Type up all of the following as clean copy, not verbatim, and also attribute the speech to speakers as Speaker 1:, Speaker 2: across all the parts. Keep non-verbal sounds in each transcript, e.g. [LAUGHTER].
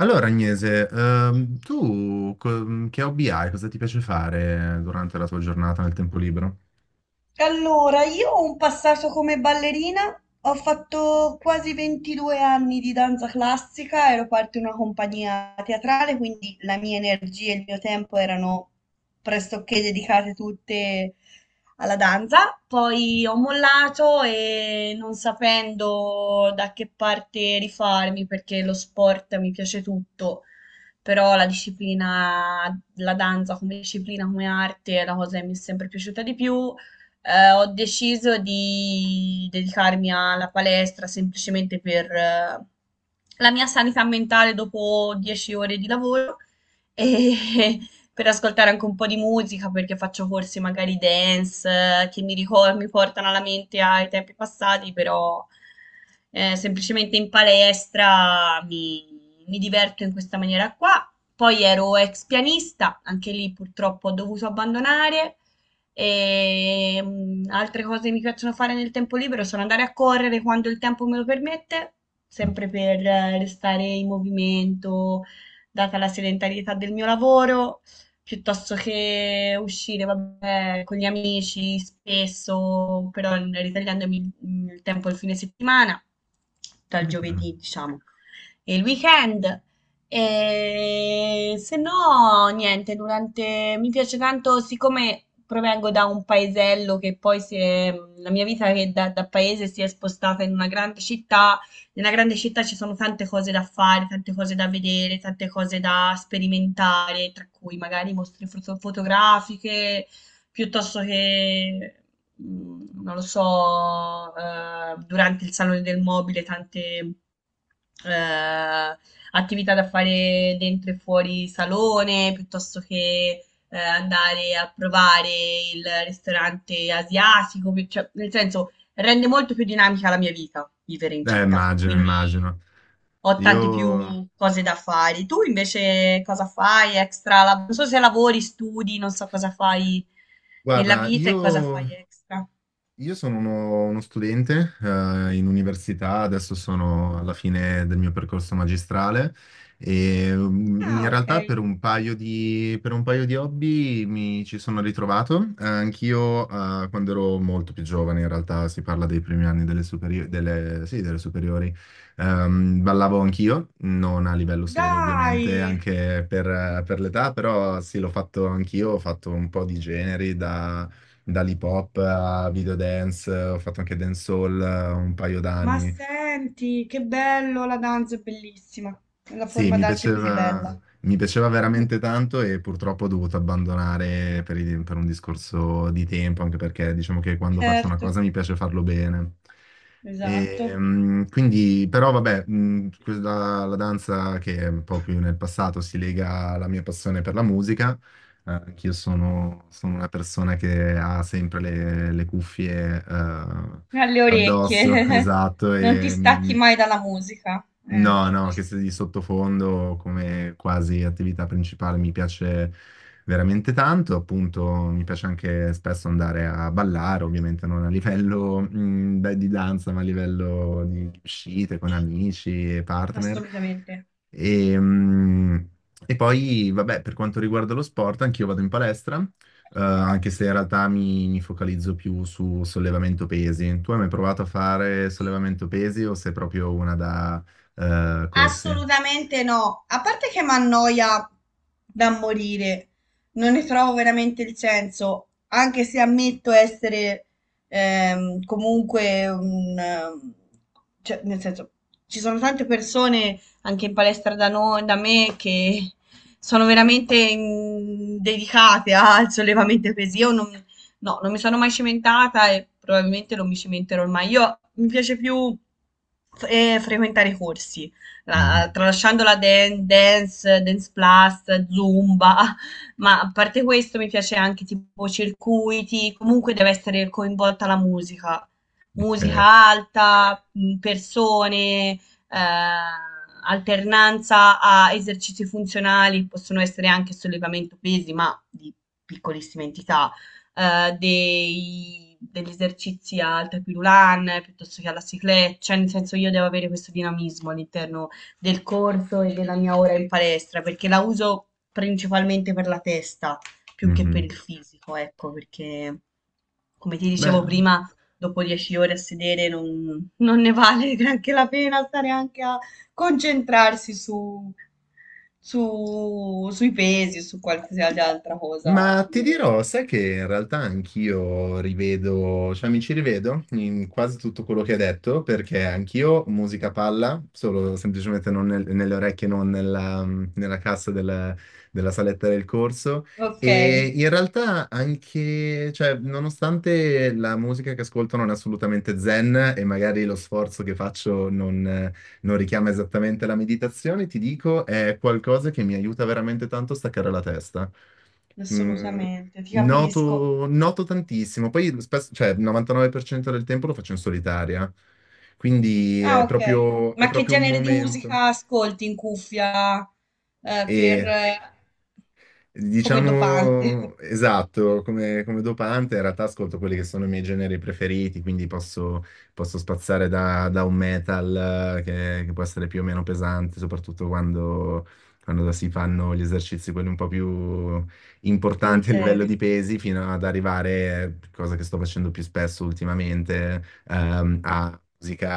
Speaker 1: Allora, Agnese, che hobby hai? Cosa ti piace fare durante la tua giornata nel tempo libero?
Speaker 2: Allora, io ho un passato come ballerina, ho fatto quasi 22 anni di danza classica, ero parte di una compagnia teatrale, quindi la mia energia e il mio tempo erano pressoché dedicate tutte alla danza. Poi ho mollato e non sapendo da che parte rifarmi, perché lo sport mi piace tutto, però la disciplina, la danza come disciplina, come arte è la cosa che mi è sempre piaciuta di più, ho deciso di dedicarmi alla palestra semplicemente per la mia sanità mentale dopo 10 ore di lavoro e [LAUGHS] per ascoltare anche un po' di musica perché faccio corsi magari dance che mi portano alla mente ai tempi passati, però semplicemente in palestra mi diverto in questa maniera qua. Poi ero ex pianista, anche lì purtroppo ho dovuto abbandonare. E altre cose che mi piacciono fare nel tempo libero sono andare a correre quando il tempo me lo permette,
Speaker 1: Mm.
Speaker 2: sempre per restare in movimento, data la sedentarietà del mio lavoro, piuttosto che uscire, vabbè, con gli amici spesso, però ritagliandomi il tempo il fine settimana, dal
Speaker 1: Ok.
Speaker 2: giovedì, diciamo, e il weekend. E se no, niente, mi piace tanto, siccome provengo da un paesello che la mia vita che da paese si è spostata in una grande città, nella grande città ci sono tante cose da fare, tante cose da vedere, tante cose da sperimentare, tra cui magari mostre fotografiche, piuttosto che non lo so, durante il salone del mobile tante, ehm, attività da fare dentro e fuori salone, piuttosto che, andare a provare il ristorante asiatico, pi cioè nel senso, rende molto più dinamica la mia vita vivere in città,
Speaker 1: Immagino,
Speaker 2: quindi
Speaker 1: immagino.
Speaker 2: ho tante
Speaker 1: Io,
Speaker 2: più cose da fare. Tu invece cosa fai extra? Non so se lavori, studi, non so cosa fai nella
Speaker 1: guarda,
Speaker 2: vita e cosa fai
Speaker 1: io
Speaker 2: extra.
Speaker 1: io sono uno studente in università, adesso sono alla fine del mio percorso magistrale e
Speaker 2: Ah,
Speaker 1: in
Speaker 2: ok.
Speaker 1: realtà per un paio di hobby mi ci sono ritrovato. Anch'io quando ero molto più giovane, in realtà si parla dei primi anni delle superiori, ballavo anch'io, non a livello serio
Speaker 2: Dai,
Speaker 1: ovviamente, anche per l'età, però sì, l'ho fatto anch'io, ho fatto un po' di generi da dall'hip hop a video dance, ho fatto anche dancehall un paio
Speaker 2: ma
Speaker 1: d'anni.
Speaker 2: senti, che bello, la danza è bellissima. È la
Speaker 1: Sì,
Speaker 2: forma d'arte più bella.
Speaker 1: mi piaceva veramente tanto e purtroppo ho dovuto abbandonare per un discorso di tempo, anche perché diciamo che quando faccio una
Speaker 2: Certo,
Speaker 1: cosa mi piace farlo bene. E,
Speaker 2: esatto.
Speaker 1: mm, quindi, però vabbè, mm, quella- la danza, che è un po' più nel passato, si lega alla mia passione per la musica. Anch'io sono, sono una persona che ha sempre le cuffie,
Speaker 2: Alle
Speaker 1: addosso, [LAUGHS]
Speaker 2: orecchie.
Speaker 1: esatto,
Speaker 2: [LAUGHS] Non ti stacchi mai dalla musica.
Speaker 1: No, no, che
Speaker 2: Capisco.
Speaker 1: sia di sottofondo, come quasi attività principale, mi piace veramente tanto. Appunto, mi piace anche spesso andare a ballare, ovviamente non a livello di danza, ma a livello di uscite con amici e partner.
Speaker 2: Assolutamente.
Speaker 1: E, mh, e poi vabbè, per quanto riguarda lo sport, anch'io vado in palestra, anche se in realtà mi focalizzo più su sollevamento pesi. Tu hai mai provato a fare sollevamento pesi o sei proprio una da corsi?
Speaker 2: Assolutamente no, a parte che mi annoia da morire, non ne trovo veramente il senso, anche se ammetto essere comunque cioè, nel senso, ci sono tante persone anche in palestra da noi, da me, che sono veramente dedicate al sollevamento pesi. Io non, no, non mi sono mai cimentata e probabilmente non mi cimenterò mai. Io mi piace più frequentare i corsi,
Speaker 1: Mhm.
Speaker 2: tralasciando la dance, dance plus, zumba, [LAUGHS] ma a parte questo mi piace anche tipo circuiti, comunque deve essere coinvolta la musica,
Speaker 1: Ok.
Speaker 2: musica alta, persone, alternanza a esercizi funzionali, possono essere anche sollevamento pesi, ma di piccolissime entità, degli esercizi al tapirulan piuttosto che alla ciclette, cioè nel senso io devo avere questo dinamismo all'interno del corso e della mia ora in palestra, perché la uso principalmente per la testa più che
Speaker 1: Mhm.
Speaker 2: per il fisico, ecco, perché come ti
Speaker 1: Beh,
Speaker 2: dicevo prima, dopo 10 ore a sedere non ne vale [LAUGHS] neanche la pena stare anche a concentrarsi sui pesi, su qualsiasi altra cosa
Speaker 1: ma ti
Speaker 2: inerente.
Speaker 1: dirò, sai che in realtà anch'io rivedo, cioè mi ci rivedo in quasi tutto quello che hai detto, perché anch'io musica palla, solo semplicemente non nel- nelle orecchie, non nella, nella cassa della saletta del corso.
Speaker 2: Ok,
Speaker 1: E in realtà anche, cioè, nonostante la musica che ascolto non è assolutamente zen e magari lo sforzo che faccio non richiama esattamente la meditazione, ti dico, è qualcosa che mi aiuta veramente tanto a staccare la testa. Mm,
Speaker 2: assolutamente, ti capisco.
Speaker 1: Noto, noto tantissimo. Poi spesso, cioè, il 99% del tempo lo faccio in solitaria, quindi
Speaker 2: Ah, ok.
Speaker 1: è
Speaker 2: Ma che
Speaker 1: proprio un
Speaker 2: genere di
Speaker 1: momento.
Speaker 2: musica ascolti in cuffia, eh, per,
Speaker 1: E
Speaker 2: eh, come dopante? [LAUGHS]
Speaker 1: Diciamo, esatto, come dopante in realtà ascolto quelli che sono i miei generi preferiti, quindi posso, posso spaziare da un metal che può essere più o meno pesante, soprattutto quando si fanno gli esercizi quelli un po' più importanti a livello
Speaker 2: Intenso.
Speaker 1: di pesi, fino ad arrivare, cosa che sto facendo più spesso ultimamente, a musica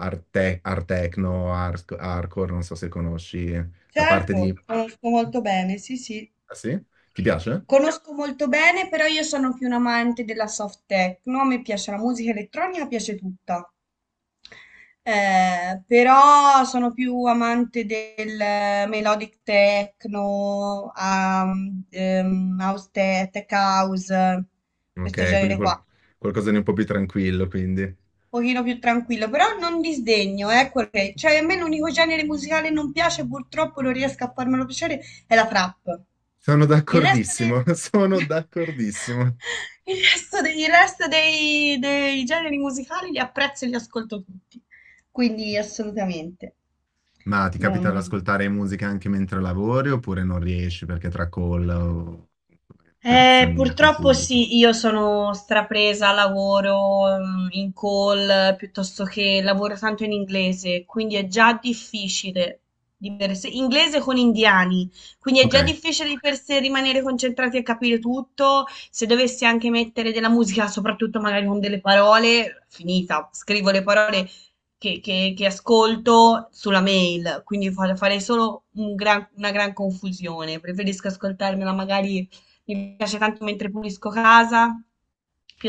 Speaker 1: art, art techno, hardcore, non so se conosci la parte
Speaker 2: Certo,
Speaker 1: di...
Speaker 2: conosco molto bene, sì, sì.
Speaker 1: Ah sì? Ti piace?
Speaker 2: Conosco molto bene, però io sono più un amante della soft techno, a me piace la musica elettronica, piace tutta. Però sono più amante del melodic techno, house tech house, questo
Speaker 1: Ok, quindi
Speaker 2: genere qua,
Speaker 1: qualcosa di un po' più tranquillo, quindi.
Speaker 2: pochino più tranquillo, però non disdegno, ecco che, cioè a me l'unico genere musicale che non piace, purtroppo non riesco a farmelo piacere, è la trap.
Speaker 1: Sono
Speaker 2: Il resto
Speaker 1: d'accordissimo, [LAUGHS] sono
Speaker 2: dei... [LAUGHS]
Speaker 1: d'accordissimo.
Speaker 2: Il resto dei, dei generi musicali li apprezzo e li ascolto tutti, quindi assolutamente.
Speaker 1: Ma ti
Speaker 2: Non...
Speaker 1: capita di ascoltare musica anche mentre lavori, oppure non riesci perché tra call o interazioni col
Speaker 2: Purtroppo
Speaker 1: pubblico?
Speaker 2: sì, io sono strapresa, lavoro in call piuttosto che lavoro tanto in inglese, quindi è già difficile di per sé, inglese con indiani, quindi è
Speaker 1: Ok,
Speaker 2: già difficile di per sé rimanere concentrati e capire tutto. Se dovessi anche mettere della musica, soprattutto magari con delle parole, finita, scrivo le parole che ascolto sulla mail, quindi farei solo una gran confusione. Preferisco ascoltarmela magari, mi piace tanto mentre pulisco casa,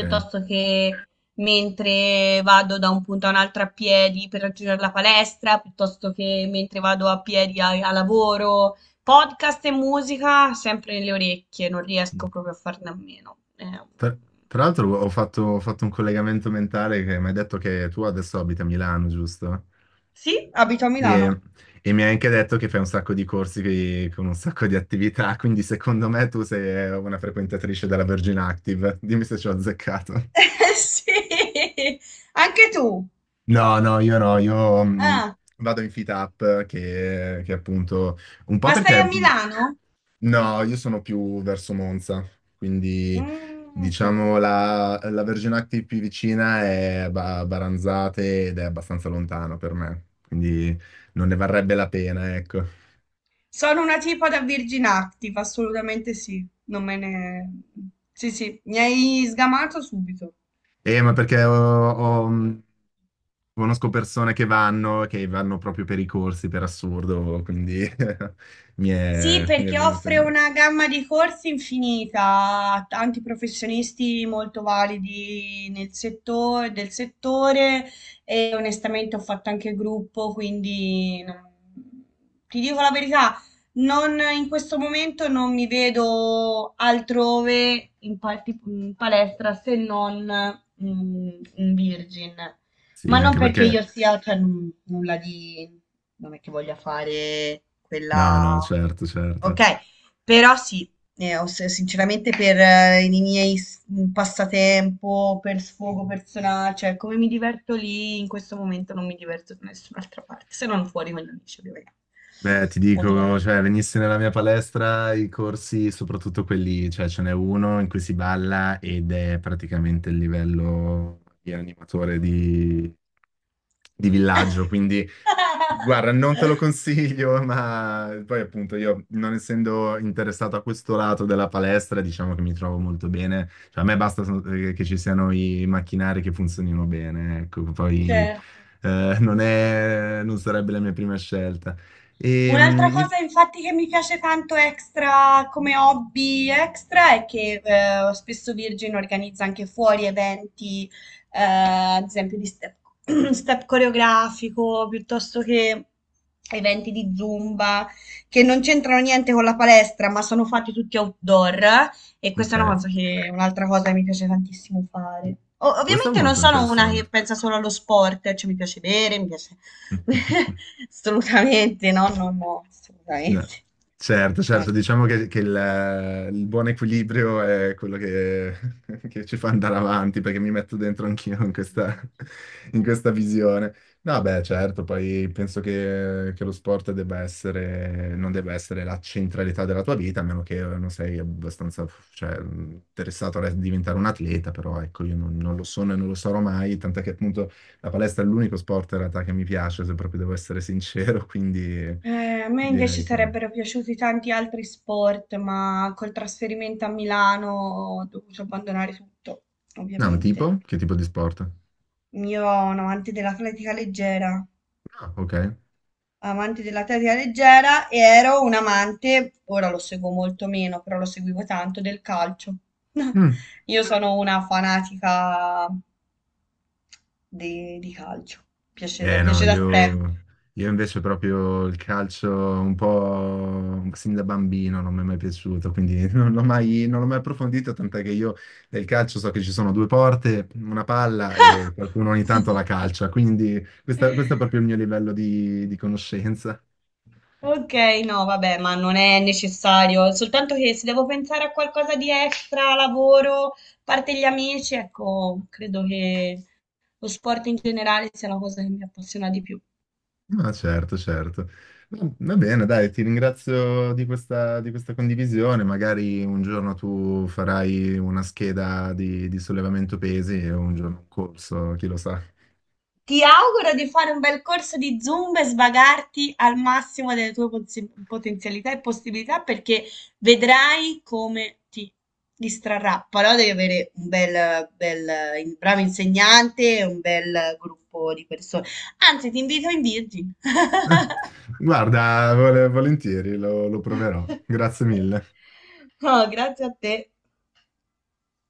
Speaker 1: ok.
Speaker 2: che mentre vado da un punto a un altro a piedi per raggiungere la palestra, piuttosto che mentre vado a piedi a lavoro. Podcast e musica sempre nelle orecchie, non riesco proprio a farne a meno.
Speaker 1: Tra, Tra l'altro ho fatto un collegamento mentale, che mi hai detto che tu adesso abiti a Milano, giusto?
Speaker 2: Sì, abito a Milano.
Speaker 1: E, e mi hai anche detto che fai un sacco di corsi con un sacco di attività, quindi secondo me tu sei una frequentatrice della Virgin Active. Dimmi se ci ho azzeccato.
Speaker 2: [LAUGHS] Sì, anche tu.
Speaker 1: No, no, io no, io
Speaker 2: Ah,
Speaker 1: vado in Fit Up, che appunto un po'
Speaker 2: ma stai
Speaker 1: perché
Speaker 2: a Milano?
Speaker 1: no, io sono più verso Monza, quindi
Speaker 2: Mm, ok.
Speaker 1: diciamo la, la Virgin Active più vicina è Baranzate ed è abbastanza lontano per me, quindi non ne varrebbe la pena, ecco.
Speaker 2: Sono una tipa da Virgin Active, assolutamente sì. Non me ne... Sì, sì, mi hai sgamato subito.
Speaker 1: Ma perché conosco persone che vanno proprio per i corsi, per assurdo, quindi [LAUGHS]
Speaker 2: Sì,
Speaker 1: mi è
Speaker 2: perché
Speaker 1: venuto in
Speaker 2: offre
Speaker 1: mente.
Speaker 2: una gamma di corsi infinita, tanti professionisti molto validi nel settore, del settore, e onestamente ho fatto anche gruppo, quindi ti dico la verità, non, in questo momento non mi vedo altrove in, in palestra se non mm, in Virgin,
Speaker 1: Sì,
Speaker 2: ma non
Speaker 1: anche
Speaker 2: perché
Speaker 1: perché...
Speaker 2: io sia, cioè, nulla di, non è che voglia fare
Speaker 1: No, no,
Speaker 2: quella.
Speaker 1: certo, certo.
Speaker 2: Okay, però sì, ho s sinceramente per i miei s passatempo, per sfogo persona, cioè come mi diverto lì, in questo momento non mi diverto da nessun'altra parte, se non fuori con gli amici ovviamen
Speaker 1: Beh, ti dico,
Speaker 2: ovviamen
Speaker 1: cioè, venissi nella mia palestra i corsi, soprattutto quelli, cioè, ce n'è uno in cui si balla ed è praticamente il livello di animatore di villaggio, quindi... Guarda,
Speaker 2: [LAUGHS]
Speaker 1: non te lo consiglio, [LAUGHS] ma poi appunto, io non essendo interessato a questo lato della palestra, diciamo che mi trovo molto bene. Cioè, a me basta che ci siano i macchinari, che funzionino bene, ecco. poi
Speaker 2: Certo.
Speaker 1: eh, non è, non sarebbe la mia prima scelta. E,
Speaker 2: Un'altra
Speaker 1: mm,
Speaker 2: cosa infatti che mi piace tanto extra come hobby extra è che spesso Virgin organizza anche fuori eventi, ad esempio di step, [CLEARS THROAT] step coreografico, piuttosto che eventi di Zumba, che non c'entrano niente con la palestra, ma sono fatti tutti outdoor, e
Speaker 1: ok,
Speaker 2: questa è una cosa che, un'altra cosa che mi piace tantissimo fare.
Speaker 1: questo è
Speaker 2: Ovviamente non
Speaker 1: molto
Speaker 2: sono una che
Speaker 1: interessante.
Speaker 2: pensa solo allo sport, cioè mi piace bere, mi piace
Speaker 1: [LAUGHS]
Speaker 2: [LAUGHS] Assolutamente, no, no, no,
Speaker 1: No.
Speaker 2: assolutamente.
Speaker 1: Certo,
Speaker 2: Ci
Speaker 1: certo,
Speaker 2: manca.
Speaker 1: diciamo che il buon equilibrio è quello che, [LAUGHS] che ci fa andare avanti, perché mi metto dentro anch'io in questa, [LAUGHS] in questa visione. No, beh, certo, poi penso che lo sport debba essere, non debba essere la centralità della tua vita, a meno che non sei abbastanza, cioè, interessato a diventare un atleta. Però ecco, io non, non lo sono e non lo sarò mai, tant'è che appunto la palestra è l'unico sport in realtà che mi piace, se proprio devo essere sincero, [LAUGHS] quindi
Speaker 2: A me invece
Speaker 1: direi che...
Speaker 2: sarebbero piaciuti tanti altri sport, ma col trasferimento a Milano ho dovuto abbandonare tutto,
Speaker 1: No,
Speaker 2: ovviamente.
Speaker 1: tipo? Che tipo di sport?
Speaker 2: Io ero un amante dell'atletica leggera,
Speaker 1: Ah, ok.
Speaker 2: amante dell'atletica leggera, e ero un amante, ora lo seguo molto meno, però lo seguivo tanto, del calcio. [LAUGHS]
Speaker 1: Mm.
Speaker 2: Io sono una fanatica di calcio.
Speaker 1: Eh no,
Speaker 2: Piace da sempre.
Speaker 1: io invece proprio il calcio un po' sin da bambino non mi è mai piaciuto, quindi [LAUGHS] non l'ho mai, non l'ho mai approfondito, tant'è che io nel calcio so che ci sono due porte, una palla e qualcuno ogni tanto la
Speaker 2: [LAUGHS]
Speaker 1: calcia, quindi questo è proprio il mio livello di conoscenza.
Speaker 2: Ok, no, vabbè, ma non è necessario, soltanto che se devo pensare a qualcosa di extra, lavoro, a parte gli amici, ecco, credo che lo sport in generale sia la cosa che mi appassiona di più.
Speaker 1: No, certo, certo. Va va bene, dai, ti ringrazio di questa condivisione. Magari un giorno tu farai una scheda di sollevamento pesi e un giorno un corso, chi lo sa.
Speaker 2: Ti auguro di fare un bel corso di Zumba e svagarti al massimo delle tue potenzialità e possibilità perché vedrai come ti distrarrà. Però devi avere un bel, bel, bravo insegnante e un bel gruppo di persone. Anzi, ti invito in Virgin. [LAUGHS]
Speaker 1: [LAUGHS] Guarda, volentieri, lo proverò. Grazie
Speaker 2: [LAUGHS]
Speaker 1: mille.
Speaker 2: No, grazie a te.